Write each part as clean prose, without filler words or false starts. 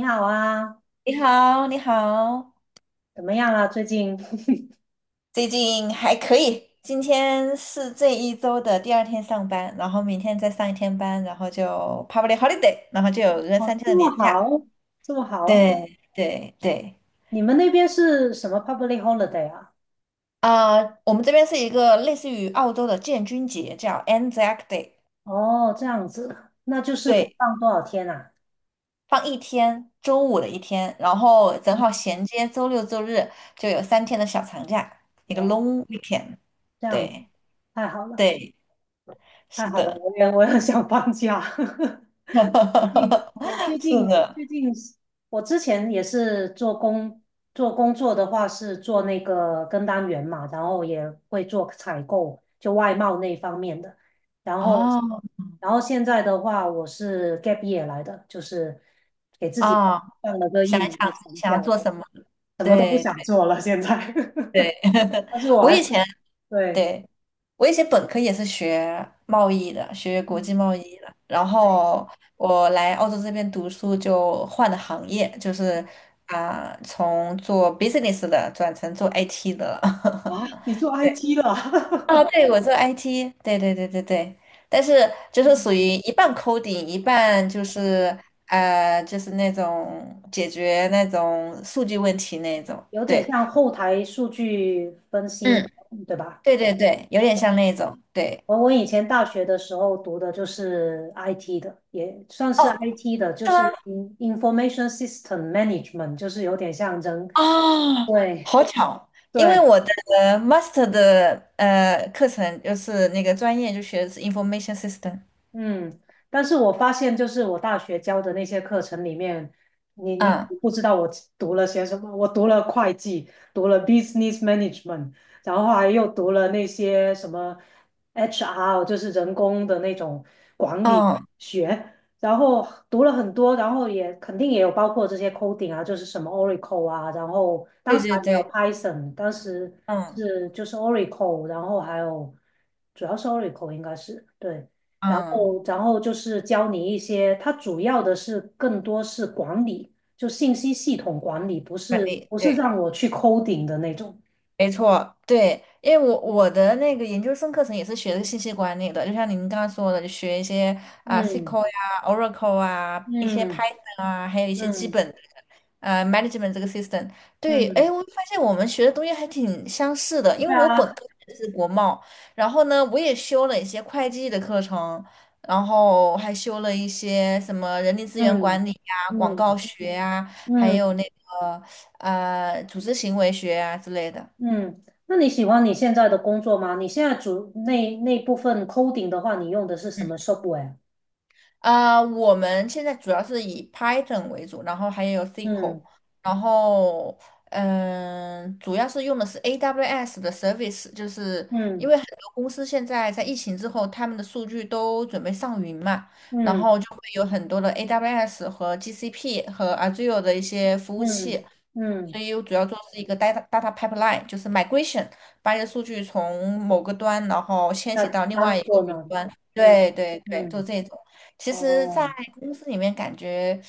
你好啊，你好，你好，怎么样啊？最近 最近还可以。今天是这一周的第二天上班，然后明天再上一天班，然后就 public holiday，然后就 有一个哦，三天这的么年假。好，这么好。对对对，你们那边是什么 public holiday 啊？啊、我们这边是一个类似于澳洲的建军节，叫 Anzac Day，哦，这样子，那就是可以对，放多少天啊？放一天，周五的一天，然后正嗯，好衔接周六周日就有三天的小长假，一个 哦，long weekend。这样子，对太好了，对，太是好了，的。我也想放假。哈哈哈近我哈最是近的，最近我之前也是做工作的话是做那个跟单员嘛，然后也会做采购，就外贸那方面的。然后哦然后现在的话，我是 gap year 来的，就是给自己哦，放了个想一一年想的自己长想假，要做什么，什么都不对对想做了现在。对，但是我我还是以前对，对，我以前本科也是学贸易的，学国嗯际贸易的，然对后我来澳洲这边读书就换了行业，就是从做 business 的转成做 IT 的了，啊，你做 对。IT 了，哦，对，我做 IT，对对对对对，但是就 是嗯属于一半 coding，一半就是就是那种解决那种数据问题那种，有点对，像后台数据分析那嗯，种，对吧？对对对，有点像那种，对，我以前大学的时候读的就是 IT 的，也算是 哦，IT 的，就是是 吗？Information System Management，就是有点像人，哦，对好巧，因为对，我的master 的课程就是那个专业就学的是 information system，嗯，但是我发现，就是我大学教的那些课程里面，你嗯不知道我读了些什么，我读了会计，读了 business management，然后还又读了那些什么 HR，就是人工的那种管理嗯，学，然后读了很多，然后也肯定也有包括这些 coding 啊，就是什么 Oracle 啊，然后当对时对还没有 对，Python，当时嗯是就是 Oracle，然后还有主要是 Oracle 应该是对。然嗯，后，就是教你一些，它主要的是更多是管理，就信息系统管理，不管是理，不是对。让我去 coding 的那种。没错，对，因为我的那个研究生课程也是学的信息管理的，就像您刚刚说的，就学一些嗯 SQL 呀、Oracle 啊、一些 嗯 Python 啊，还有一些基嗯本的management 这个 system。对，哎，嗯，我发现我们学的东西还挺相似的，对因为我本啊，科学的是国贸，然后呢，我也修了一些会计的课程，然后还修了一些什么人力资源嗯管理呀、广告嗯学呀，还嗯有那个组织行为学啊之类的。嗯。那你喜欢你现在的工作吗？你现在那部分 coding 的话，你用的是什么 software？啊，我们现在主要是以 Python 为主，然后还有 SQL，嗯然后主要是用的是 AWS 的 service，就是嗯因为很多公司现在在疫情之后，他们的数据都准备上云嘛，然嗯后就会有很多的 AWS 和 GCP 和 Azure 的一些服务嗯器，嗯，所以我主要做是一个 data pipeline，就是 migration，把你的数据从某个端，然后迁那徙到另当外一个过云呢？端。嗯对对对，做嗯，这种。其实，在哦。公司里面感觉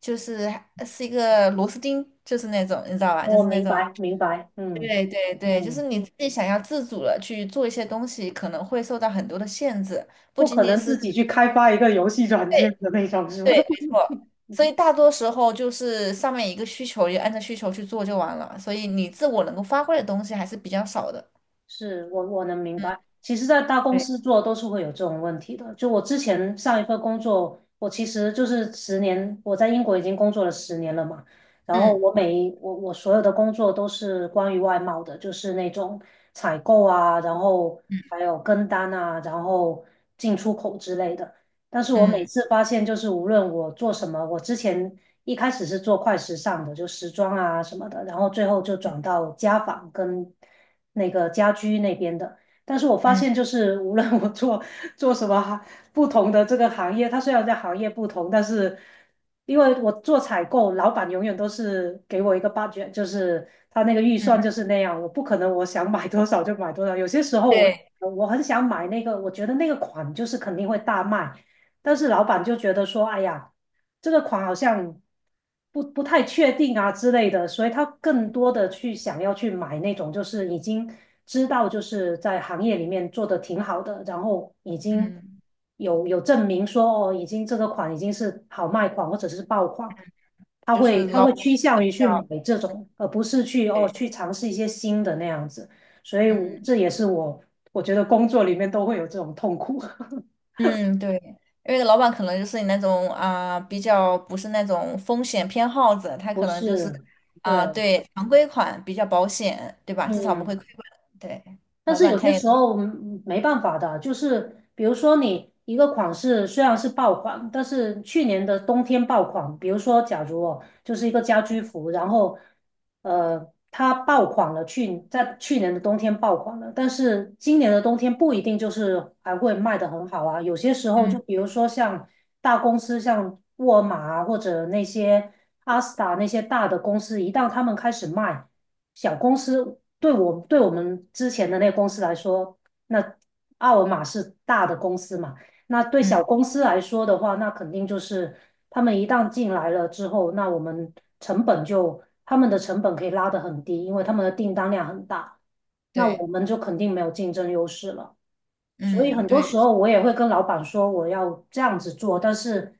就是一个螺丝钉，就是那种你知道吧，就我是那明种。白，明白，嗯对对对，就是嗯，你自己想要自主的去做一些东西，可能会受到很多的限制，不不仅可仅能是，自己去开发一个游戏软件对的那种，是对，吧？没错。所以 大多时候就是上面一个需求，就按照需求去做就完了。所以你自我能够发挥的东西还是比较少的。是我能明白。其实，在大公司对，做都是会有这种问题的。就我之前上一份工作，我其实就是十年，我在英国已经工作了十年了嘛。然后嗯我每一我我所有的工作都是关于外贸的，就是那种采购啊，然后还有跟单啊，然后进出口之类的。但是我每嗯次发现，就是无论我做什么，我之前一开始是做快时尚的，就时装啊什么的，然后最后就转到家纺跟那个家居那边的。但是我发嗯现，就是无论我做什么不同的这个行业，它虽然在行业不同，但是因为我做采购，老板永远都是给我一个 budget，就是他那个预算嗯，就是那样，我不可能我想买多少就买多少。有些时候我对，我很想买那个，我觉得那个款就是肯定会大卖。但是老板就觉得说，哎呀，这个款好像不太确定啊之类的，所以他更多的去想要去买那种就是已经知道就是在行业里面做的挺好的，然后已经嗯，有证明说哦，已经这个款已经是好卖款或者是爆款，他就是会他老会板趋比向于去买较，这种，而不是去哦对，去尝试一些新的那样子，所以我嗯这也是我我觉得工作里面都会有这种痛苦，嗯，对，因为老板可能就是你那种比较不是那种风险偏好者，他不可能就是是。对，对常规款比较保险，对吧？至少不嗯，会亏本。对，但老是板有他些也，时候没办法的，就是比如说你一个款式虽然是爆款，但是去年的冬天爆款，比如说假如哦，就是一个家居服，然后它爆款了，在去年的冬天爆款了，但是今年的冬天不一定就是还会卖得很好啊，有些时候就嗯比如说像大公司，像沃尔玛啊，或者那些阿斯达那些大的公司，一旦他们开始卖。小公司对我们之前的那个公司来说，那奥尔玛是大的公司嘛，那对小嗯，公司来说的话，那肯定就是他们一旦进来了之后，那我们成本就他们的成本可以拉得很低，因为他们的订单量很大，那对，我们就肯定没有竞争优势了。所以嗯，很多对，时候我也会跟老板说我要这样子做，但是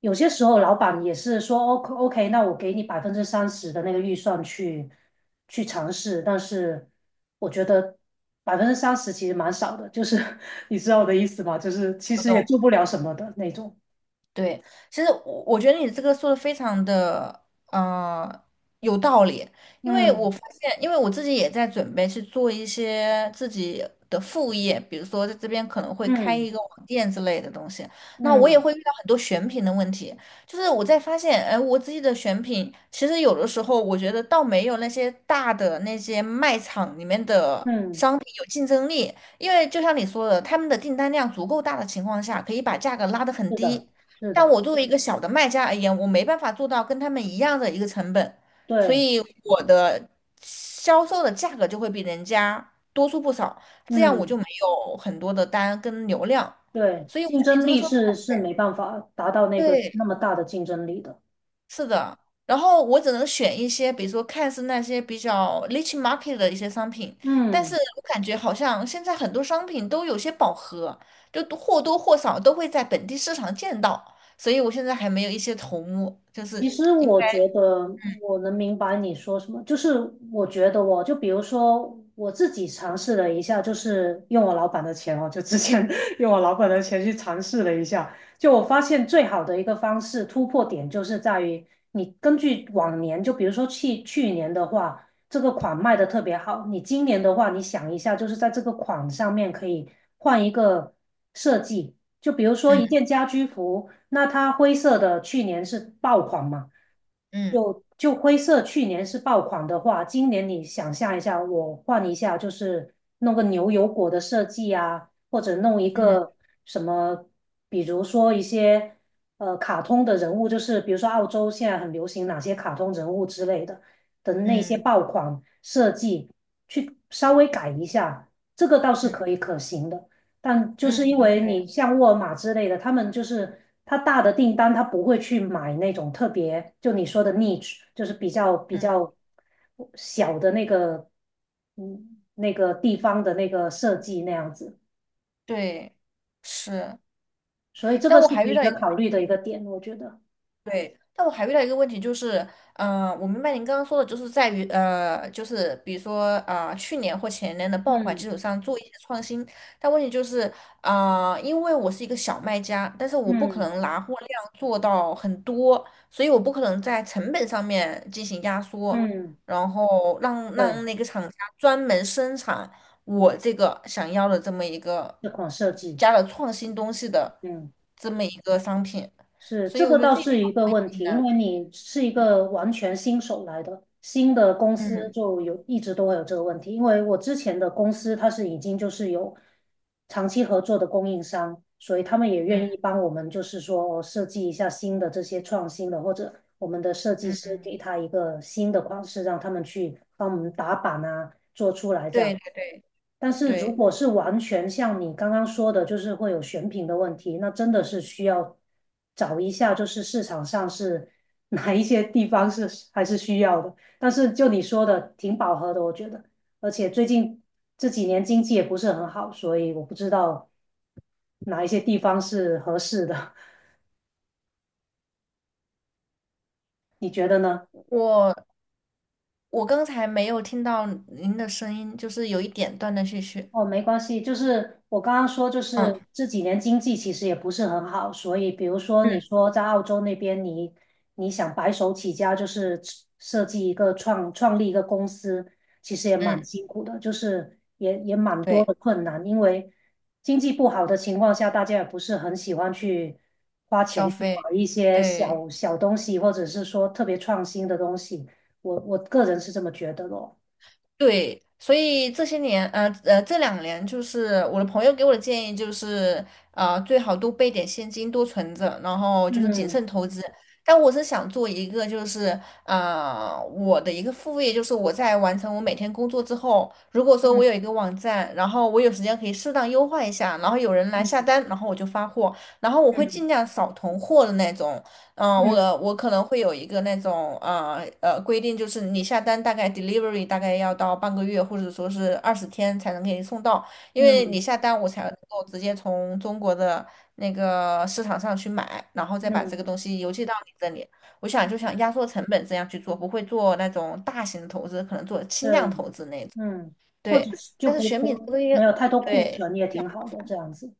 有些时候老板也是说 OK OK，那我给你百分之三十的那个预算去尝试，但是我觉得百分之三十其实蛮少的，就是 你知道我的意思吗？就是其不实也懂。做不了什么的那种。对，其实我觉得你这个说的非常的有道理，因为我嗯发现，因为我自己也在准备去做一些自己的副业，比如说在这边可能会开嗯一个网店之类的东西，那我也嗯会遇到很多选品的问题，就是我在发现，哎，我自己的选品其实有的时候我觉得倒没有那些大的那些卖场里面的嗯，商品有竞争力，因为就像你说的，他们的订单量足够大的情况下，可以把价格拉得很是的，低。是但的，我作为一个小的卖家而言，我没办法做到跟他们一样的一个成本，所对，以我的销售的价格就会比人家多出不少，这样我就嗯没有很多的单跟流量。对，所以我觉竞得你争这个力说法，是没办法达到那个对，那么大的竞争力的。是的。然后我只能选一些，比如说看似那些比较 niche market 的一些商品，但嗯。是我感觉好像现在很多商品都有些饱和，就多或多或少都会在本地市场见到，所以我现在还没有一些头目，就其是。实我觉得我能明白你说什么，就是我觉得我就比如说我自己尝试了一下，就是用我老板的钱哦，就之前 用我老板的钱去尝试了一下，就我发现最好的一个方式突破点就是在于你根据往年，就比如说去年的话，这个款卖的特别好，你今年的话，你想一下，就是在这个款上面可以换一个设计，就比如说一嗯件家居服。那它灰色的去年是爆款嘛？嗯就灰色去年是爆款的话，今年你想象一下，我换一下，就是弄个牛油果的设计啊，或者弄一嗯个什么，比如说一些卡通的人物，就是比如说澳洲现在很流行哪些卡通人物之类的那些嗯爆款设计，去稍微改一下，这个倒是嗯可行的。但就嗯，是因为对，你像沃尔玛之类的，他们就是他大的订单，他不会去买那种特别，就你说的 niche，就是比较比嗯，较小的那个，嗯，那个地方的那个设计那样子，对，是。所以这但个我是还可以遇一到个一个考虑的一个点，我觉得。对，但我还遇到一个问题就是，我明白您刚刚说的，就是在于，就是比如说，去年或前年的爆款嗯基础上做一些创新，但问题就是，因为我是一个小卖家，但是我不可嗯能拿货量做到很多，所以我不可能在成本上面进行压缩，嗯，然后让对，让那个厂家专门生产我这个想要的这么一个这款设计，加了创新东西的嗯。这么一个商品。是，所这以我个觉得倒这一点是一个问挺题，因能，为你是一个完全新手来的，新的公司嗯就有一直都会有这个问题。因为我之前的公司它是已经就是有长期合作的供应商，所以他们也嗯愿意帮我们，就是说哦设计一下新的这些创新的，或者我们的设计嗯，师给他一个新的款式，让他们去帮我们打版啊，做出来这样。对对对但是如对，果是完全像你刚刚说的，就是会有选品的问题，那真的是需要找一下，就是市场上是 哪一些地方是还是需要的。但是就你说的，挺饱和的，我觉得。而且最近这几年经济也不是很好，所以我不知道哪一些地方是合适的。你觉得呢？我我刚才没有听到您的声音，就是有一点断断续续。哦，没关系，就是我刚刚说，就嗯是这几年经济其实也不是很好，所以比如说你嗯说在澳洲那边你，你想白手起家，就是设计一个创立一个公司，其实也蛮嗯，辛苦的，就是也蛮多对，的困难，因为经济不好的情况下，大家也不是很喜欢去花钱消去费，买一些对。小小东西，或者是说特别创新的东西，我个人是这么觉得咯。对，所以这些年，这两年就是我的朋友给我的建议就是，最好多备点现金，多存着，然后就是谨嗯慎投资。但我是想做一个，就是我的一个副业，就是我在完成我每天工作之后，如果说我嗯有一个网站，然后我有时间可以适当优化一下，然后有人来下嗯单，然后我就发货，然后我会尽嗯量少囤货的那种，嗯，我嗯。我可能会有一个那种规定，就是你下单大概 delivery 大概要到半个月或者说是20天才能给你送到，因为嗯你下单我才能够直接从中国的那个市场上去买，然后再把嗯，这个东西邮寄到你这里。我想就想压缩成本这样去做，不会做那种大型的投资，可能做对，轻量投资那种。嗯，或者对，是就但是不选品不这个东没西，有太多库对。存也挺好的，这样子。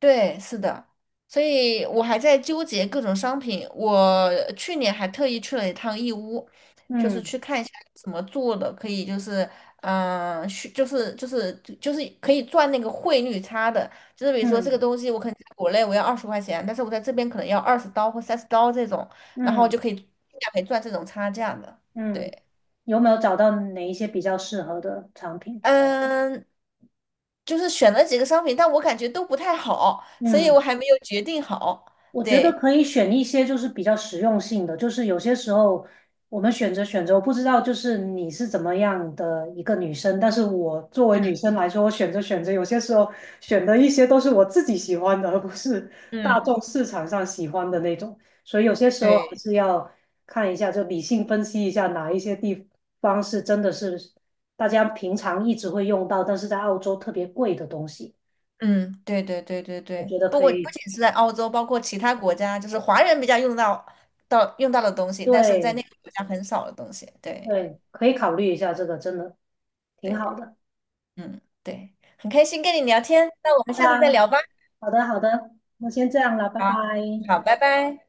对，是的，所以我还在纠结各种商品。我去年还特意去了一趟义乌，就是嗯去看一下怎么做的，可以就是，去就是可以赚那个汇率差的。就是比如说这个嗯东西，我可能在国内我要20块钱，但是我在这边可能要20刀或30刀这种，然后嗯就可以尽量可以赚这种差价的。嗯，嗯对，有没有找到哪一些比较适合的产品？嗯，就是选了几个商品，但我感觉都不太好，所以嗯。我还没有决定好。我觉得对。可以选一些就是比较实用性的，就是有些时候我们选择选择，我不知道就是你是怎么样的一个女生，但是我作为女嗯生来说，我选择选择，有些时候选的一些都是我自己喜欢的，而不是大嗯，众市场上喜欢的那种，所以有些时候还对，是要看一下，就理性分析一下哪一些地方是真的是大家平常一直会用到，但是在澳洲特别贵的东西，嗯，对对对对我觉对，得不可过不以。仅是在澳洲，包括其他国家，就是华人比较用到到用到的东西，但是在对，那个国家很少的东西。对对，可以考虑一下这个，真的挺对，好的。嗯对，很开心跟你聊天，那我们下次再那聊吧。好的，好的，那先这样了，拜好，拜。好，拜拜。